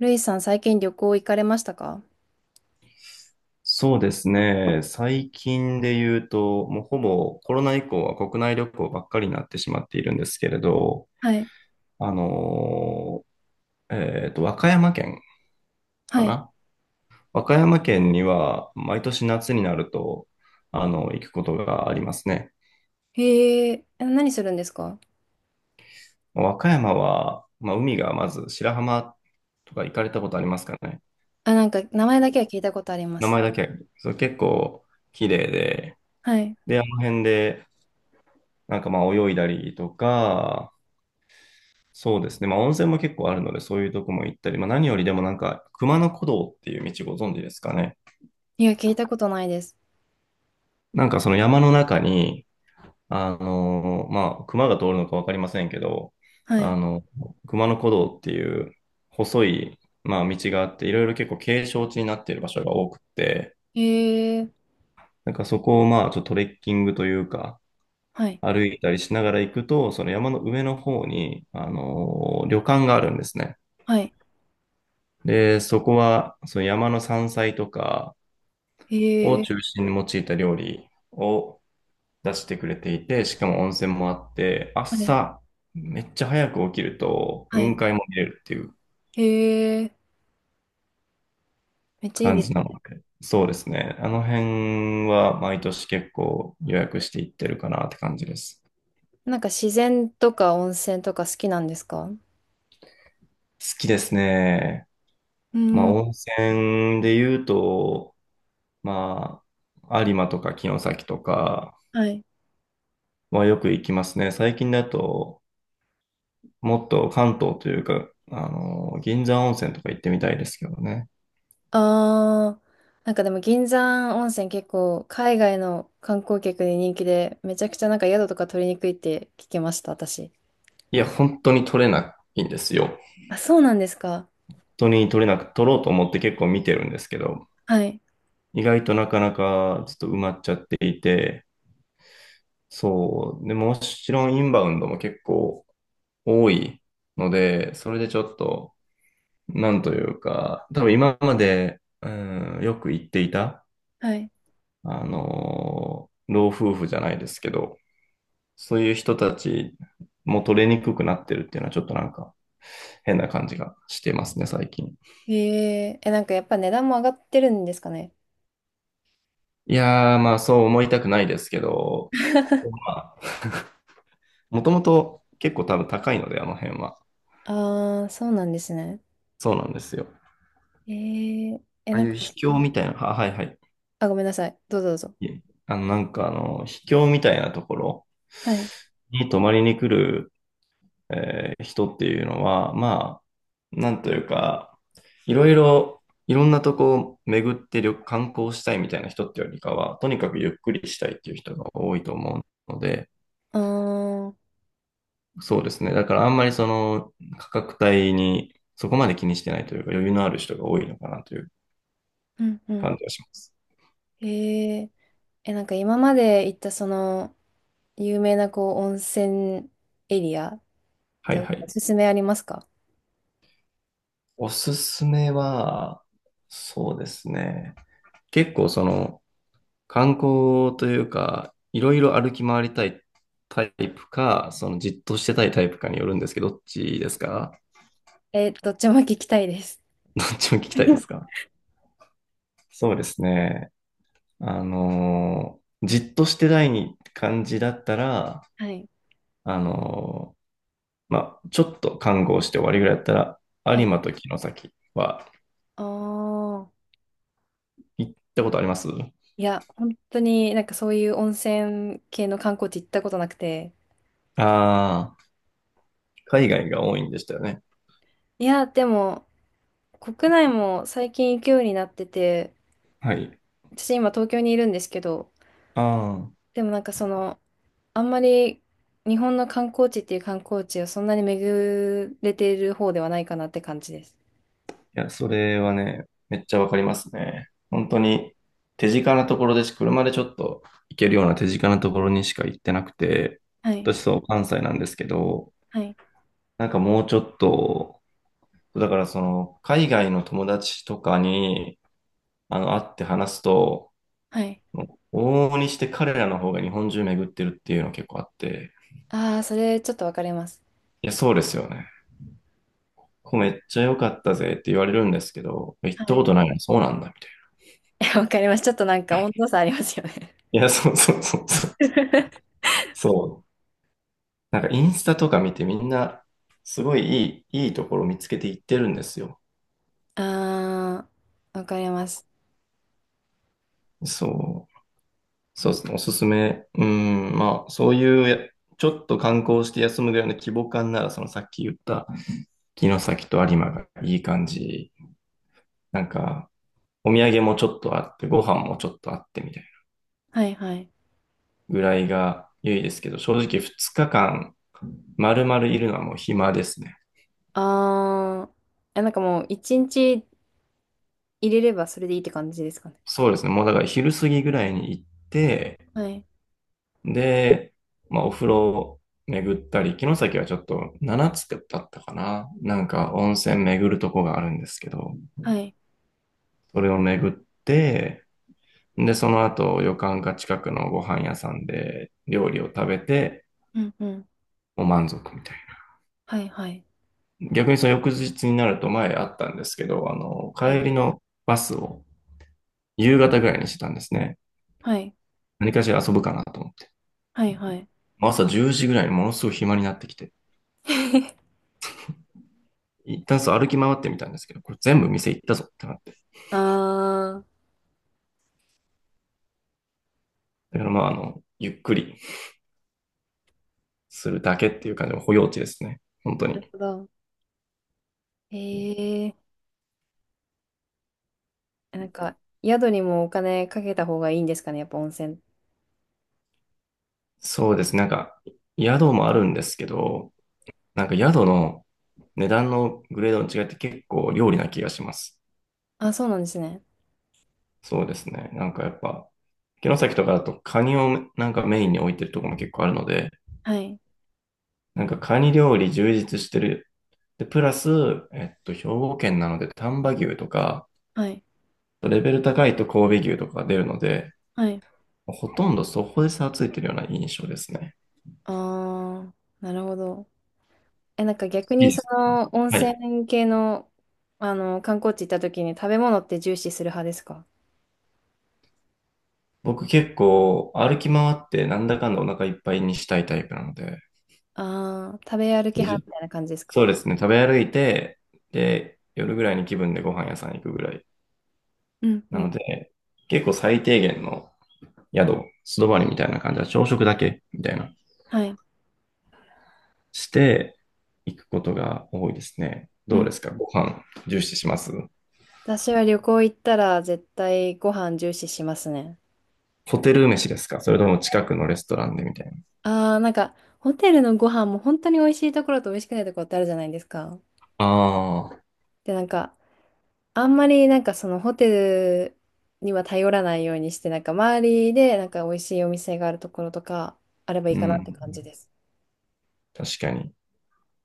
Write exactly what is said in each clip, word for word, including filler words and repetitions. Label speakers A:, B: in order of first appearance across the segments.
A: ルイさん、最近旅行行かれましたか？
B: そうですね。最近で言うと、もうほぼコロナ以降は国内旅行ばっかりになってしまっているんですけれど、
A: はい。
B: あのえっと、和歌山県か
A: はい。
B: な。和歌山県には毎年夏になると、あの、行くことがありますね。
A: へえ、え何するんですか？
B: 和歌山は、まあ、海がまず白浜とか行かれたことありますかね？
A: あ、なんか、名前だけは聞いたことありま
B: 名
A: す。
B: 前だけ、そう、結構綺麗で、
A: はい。
B: で、あの辺で、なんかまあ泳いだりとか、そうですね。まあ、温泉も結構あるので、そういうとこも行ったり、まあ、何よりでもなんか、熊野古道っていう道ご存知ですかね？
A: いや、聞いたことないです。
B: なんかその山の中に、あのーまあ、熊が通るのかわかりませんけど、
A: は
B: あ
A: い。
B: の、熊野古道っていう細い、まあ、道があって、いろいろ結構景勝地になっている場所が多くて、
A: へえ、
B: なんかそこをまあ、ちょっとトレッキングというか、
A: はい。
B: 歩いたりしながら行くと、その山の上の方に、あのー旅館があるんですね。
A: はい。
B: で、そこは、その山の山菜とか、
A: へ
B: を
A: え。
B: 中心に用いた料理を出してくれていて、しかも温泉もあって、
A: はい。
B: 朝、めっちゃ早く起きると、
A: は
B: 雲
A: い。
B: 海も見れるっていう
A: へえ。めっちゃいい
B: 感
A: です
B: じなの
A: ね。
B: で、そうですね。あの辺は毎年結構予約していってるかなって感じです。
A: なんか、自然とか温泉とか好きなんですか？
B: 好きですね。
A: う
B: まあ、
A: ん。
B: 温泉で言うと、まあ、有馬とか城崎とか
A: はい。
B: はよく行きますね。最近だと、もっと関東というか、あの、銀山温泉とか行ってみたいですけどね。
A: あー、なんかでも、銀山温泉結構、海外の観光客に人気で、めちゃくちゃなんか宿とか取りにくいって聞きました、私。
B: いや、本当に取れないんですよ。
A: あ、そうなんですか。
B: 本当に取れなく、取ろうと思って結構見てるんですけど、
A: はい。
B: 意外となかなかちょっと埋まっちゃっていて、そう。で、もちろんインバウンドも結構多いので、それでちょっと、なんというか、多分今まで、うん、よく行っていた、
A: はい。
B: あの、老夫婦じゃないですけど、そういう人たちも取れにくくなってるっていうのはちょっとなんか変な感じがしてますね、最近。
A: ええ、えなんかやっぱ値段も上がってるんですかね。
B: いやー、まあそう思いたくないですけど、まあ、もともと結構多分高いので、あの辺は。
A: ああ、そうなんですね。
B: そうなんですよ。
A: ええ、え
B: ああ
A: なん
B: いう
A: か、
B: 秘境みたいな、あ、はいはい。
A: あ、ごめんなさい。どうぞどうぞ。
B: いえあの、なんかあの、秘境みたいなところ
A: はい。
B: に泊まりに来るえー人っていうのは、まあ、なんというか、いろいろ、いろんなとこを巡って旅観光したいみたいな人ってよりかは、とにかくゆっくりしたいっていう人が多いと思うので、
A: ああ、
B: そうですね。だからあんまりその価格帯にそこまで気にしてないというか、余裕のある人が多いのかなという
A: うんうん。
B: 感じがします。
A: ええ、えなんか今まで行ったその、有名なこう、温泉エリア
B: は
A: て
B: い
A: お
B: はい。
A: すすめありますか？
B: おすすめは、そうですね。結構そ の、観光というか、いろいろ歩き回りたいタイプか、そのじっとしてたいタイプかによるんですけど、どっちですか？
A: えー、どっちも聞きたいです。
B: どっちも聞きたいです か？そうですね。あのーじっとしてたい感じだったら、
A: はい。
B: あのーまあ、ちょっと観光して終わりぐらいだったら、
A: は
B: 有
A: い。
B: 馬と城崎は
A: ああ。
B: 行ったことあります？
A: いや、本当になんかそういう温泉系の観光地行ったことなくて。
B: ああー、海外が多いんでしたよね。
A: いや、でも、国内も最近行くようになってて、
B: はい。
A: 私今東京にいるんですけど、
B: ああ。
A: でもなんかその、あんまり日本の観光地っていう観光地をそんなに巡れている方ではないかなって感じです。
B: いや、それはね、めっちゃわかりますね。本当に手近なところでし、車でちょっと行けるような手近なところにしか行ってなくて、
A: はい。
B: 私そう、関西なんですけど、
A: はい。
B: なんかもうちょっと、だからその、海外の友達とかに、あの、会って話すと、
A: はい。
B: 往々にして彼らの方が日本中巡ってるっていうの結構あって、
A: ああ、それちょっとわかります。
B: いや、そうですよね。ここめっちゃ良かったぜって言われるんですけど、行っ
A: は
B: たこ
A: い。
B: とないの、そうなんだ、みたい
A: わかります。ちょっとなんか温度差ありますよね。
B: な。いや、そうそうそうそう。そう。なんかインスタとか見てみんなすごいいい、いいところ見つけていってるんですよ。
A: ああ、わかります。
B: そう。そうですね。おすすめ。うん。まあ、そういうや、ちょっと観光して休むぐらいの規模感なら、そのさっき言った城崎と有馬がいい感じ。なんか、お土産もちょっとあって、ご飯もちょっとあってみたいな
A: はいはい。
B: ぐらいが良いですけど、正直ふつかかん丸々いるのはもう暇ですね。
A: ああ、え、なんかもう一日入れればそれでいいって感じですかね。
B: そうですね。もうだから昼過ぎぐらいに行って、
A: はい。
B: で、まあ、お風呂巡ったり、城崎はちょっとななつだったかな。なんか温泉巡るとこがあるんですけど、
A: はい。
B: それを巡って、で、その後旅館か近くのご飯屋さんで料理を食べて、
A: うんうん。
B: もう満足みたい
A: はいはい。
B: な。逆にその翌日になると前あったんですけど、あの、
A: はい。
B: 帰りのバスを夕方ぐらいにしてたんですね。
A: はい。
B: 何かしら遊ぶかなと思って。
A: はいはい。
B: 朝じゅうじぐらいにものすごい暇になってきて、一旦そう歩き回ってみたんですけど、これ全部店行ったぞってなっ
A: ああ。
B: だからまあ、あの、ゆっくりするだけっていう感じの保養地ですね。本当
A: なる
B: に。
A: ほど。へえ、なんか、宿にもお金かけた方がいいんですかね、やっぱ温泉。
B: そうですね。なんか、宿もあるんですけど、なんか宿の値段のグレードの違いって結構料理な気がします。
A: あ、そうなんですね。
B: そうですね。なんかやっぱ、城崎とかだとカニをなんかメインに置いてるところも結構あるので、
A: はい、
B: なんかカニ料理充実してる。で、プラス、えっと、兵庫県なので丹波牛とか、
A: はい、
B: レベル高いと神戸牛とかが出るので、
A: はい。
B: ほとんどそこで差がついてるような印象ですね。
A: あー、なるほど。え、なんか逆
B: い
A: に
B: いで
A: そ
B: すか？
A: の温
B: はい。
A: 泉系の、あの、観光地行った時に食べ物って重視する派ですか？
B: 僕結構歩き回ってなんだかんだお腹いっぱいにしたいタイプなので、
A: ああー、食べ歩き
B: で
A: 派
B: じ
A: みたいな感じですか？
B: そうですね、食べ歩いて、で、夜ぐらいに気分でご飯屋さん行くぐらい。
A: うんう
B: なの
A: ん。
B: で、結構最低限の宿、素泊まりみたいな感じは朝食だけみたいな、
A: はい。
B: して行くことが多いですね。
A: う
B: どう
A: ん。
B: ですか？ご飯重視します？
A: 私は旅行行ったら絶対ご飯重視しますね。
B: ホテル飯ですか？それとも近くのレストランでみたいな。
A: あー、なんか、ホテルのご飯も本当に美味しいところと美味しくないところってあるじゃないですか。
B: ああ、
A: で、なんか、あんまりなんかそのホテルには頼らないようにして、なんか周りでなんか美味しいお店があるところとかあればいい
B: う
A: かなって感じ
B: ん。
A: です。
B: 確かに。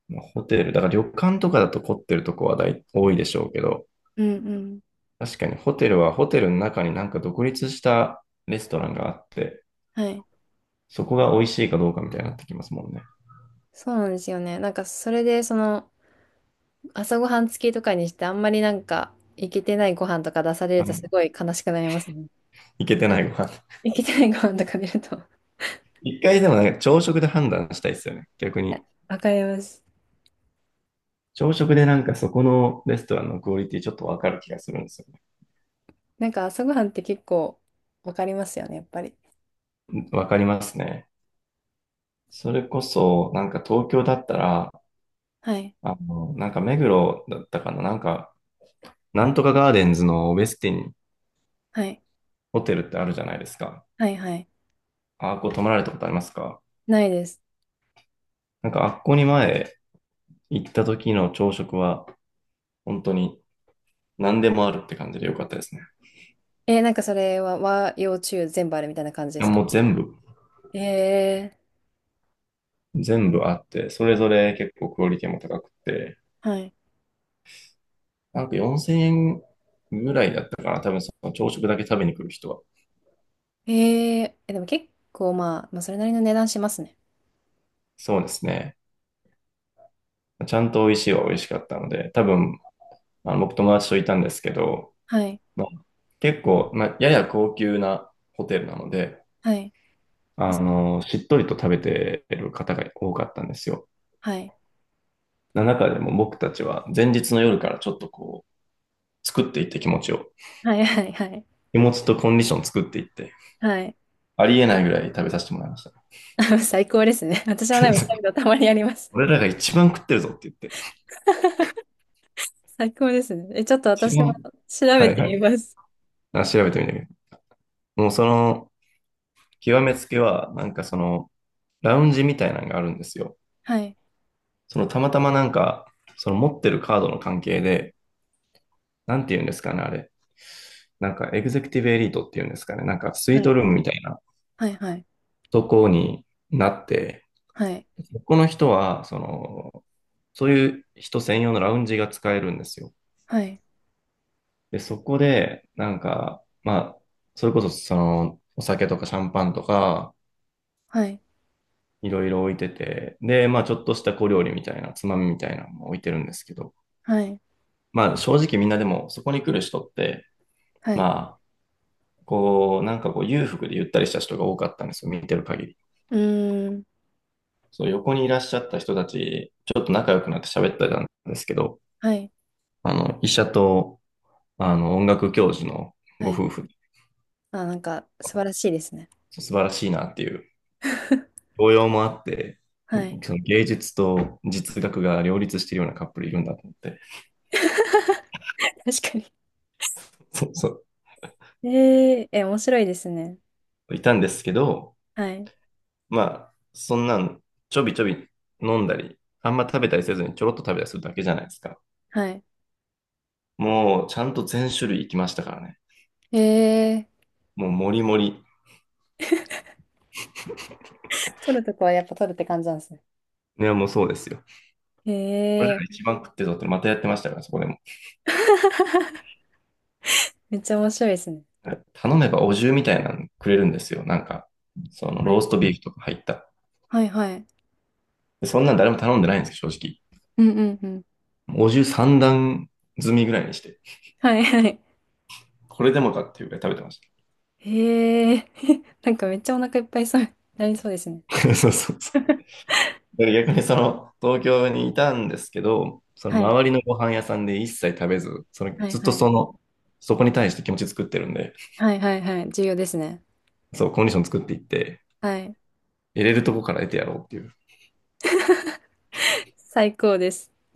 B: まあホテル、だから旅館とかだと凝ってるとこは大多いでしょうけど、
A: うんうん。
B: 確かにホテルはホテルの中になんか独立したレストランがあって、
A: はい。
B: そこが美味しいかどうかみたいになってきますもんね。
A: そうなんですよね。なんかそれでその朝ごはん付きとかにしてあんまりなんかいけてないご飯とか出されるとすごい悲しくなりますね。
B: いけてないご飯。
A: いけてないご飯とか出るとは
B: 一回でもなんか朝食で判断したいですよね。逆
A: い
B: に。
A: わかります。
B: 朝食でなんかそこのレストランのクオリティちょっとわかる気がするんですよね。
A: なんか朝ごはんって結構わかりますよね、やっぱり。
B: わかりますね。それこそ、なんか東京だったら、
A: はい。
B: あの、なんか目黒だったかな、なんか、なんとかガーデンズのウェスティン
A: はい。
B: ホテルってあるじゃないですか。
A: はいはい。
B: あっこ泊まられたことありますか？
A: ないです。
B: なんかあっこに前行った時の朝食は本当に何でもあるって感じで良かったですね。
A: えー、なんかそれは和洋中全部あるみたいな感じで
B: いや
A: すか？
B: もう全部、
A: え
B: 全部あって、それぞれ結構クオリティも高くて、
A: ー、はい。
B: なんかよんせんえんぐらいだったかな。多分その朝食だけ食べに来る人は。
A: えー、え、でも結構まあ、まあ、それなりの値段しますね。
B: そうですね。ちゃんと美味しいは美味しかったので、多分あの僕友達といたんですけど、
A: はい。
B: まあ、結構、まあ、やや高級なホテルなので、
A: はい。で
B: あ
A: す
B: の、しっとりと食べてる方が多かったんですよ。
A: はい。
B: な中でも僕たちは前日の夜からちょっとこう、作っていって気持ちを。
A: はい、はい、はい。
B: 気持ちとコンディション作っていって、
A: はい。
B: ありえないぐらい食べさせてもらいました
A: 最高ですね。私もでもそうい うのたまにあります。
B: 俺らが一番食ってるぞって言って。
A: 最高ですね。え、ちょっと
B: 一
A: 私も
B: 番
A: 調
B: は
A: べ
B: い
A: て
B: は
A: み
B: い。
A: ます。
B: あ調べてみたけど。もうその、極めつけは、なんかその、ラウンジみたいなのがあるんですよ。
A: はい。
B: その、たまたまなんか、その持ってるカードの関係で、なんて言うんですかね、あれ。なんか、エグゼクティブエリートっていうんですかね。なんか、スイー
A: は
B: ト
A: い。
B: ルームみたいな
A: はい。はい。
B: とこになって、
A: はい。
B: この人は、その、そういう人専用のラウンジが使えるんですよ。
A: はい。
B: で、そこで、なんか、まあ、それこそ、その、お酒とかシャンパンとか、
A: はい。
B: いろいろ置いてて、で、まあ、ちょっとした小料理みたいな、つまみみたいなのも置いてるんですけど、
A: はい。
B: まあ、正直みんなでも、そこに来る人って、
A: はい。
B: まあ、こう、なんかこう、裕福でゆったりした人が多かったんですよ、見てる限り。
A: うーん。
B: そう、横にいらっしゃった人たち、ちょっと仲良くなって喋ってたんですけど、
A: はい。
B: あの、医者とあの、音楽教授の
A: は
B: ご
A: い。
B: 夫婦、
A: あ、なんか素晴らしいですね。
B: 素晴らしいなっていう、教養もあって、
A: はい。
B: その芸術と実学が両立しているようなカップルいるんだと思って、
A: 確かに。
B: そうそ
A: えー、え、面白いですね。
B: う、いたんですけど、
A: はい。
B: まあ、そんなんちょびちょび飲んだり、あんま食べたりせずにちょろっと食べたりするだけじゃないですか。
A: は
B: もうちゃんと全種類いきましたからね。
A: い。えー、
B: もうもりもり。
A: 撮るとこはやっぱ撮るって感じなんですね。
B: ね、もうそうですよ。
A: え
B: これだか
A: ー、
B: らが一番食ってぞってまたやってましたからね、そこでも。
A: めっちゃ面白いですね。
B: 頼めばお重みたいなのくれるんですよ。なんか、その
A: は
B: ロー
A: い。
B: ストビーフとか入った
A: はいはい。
B: そんなん誰も頼んでないんですよ、正
A: うんうんうん。
B: 直。お重さん段積みぐらいにして、
A: はいはい。
B: これでもかっていうぐらい食べてまし
A: えー、なんかめっちゃお腹いっぱいそう、なりそうですね。
B: た。そうそうそう。逆にその東京にいたんですけど、その
A: はい。
B: 周りのご飯屋さんで一切食べず、その
A: はい
B: ずっ
A: は
B: と
A: い。
B: その、そこに対して気持ち作ってるんで、
A: はいはいはい。重要ですね。
B: そう、コンディション作っていって、
A: はい。
B: 入れるとこから得てやろうっていう
A: 最高です。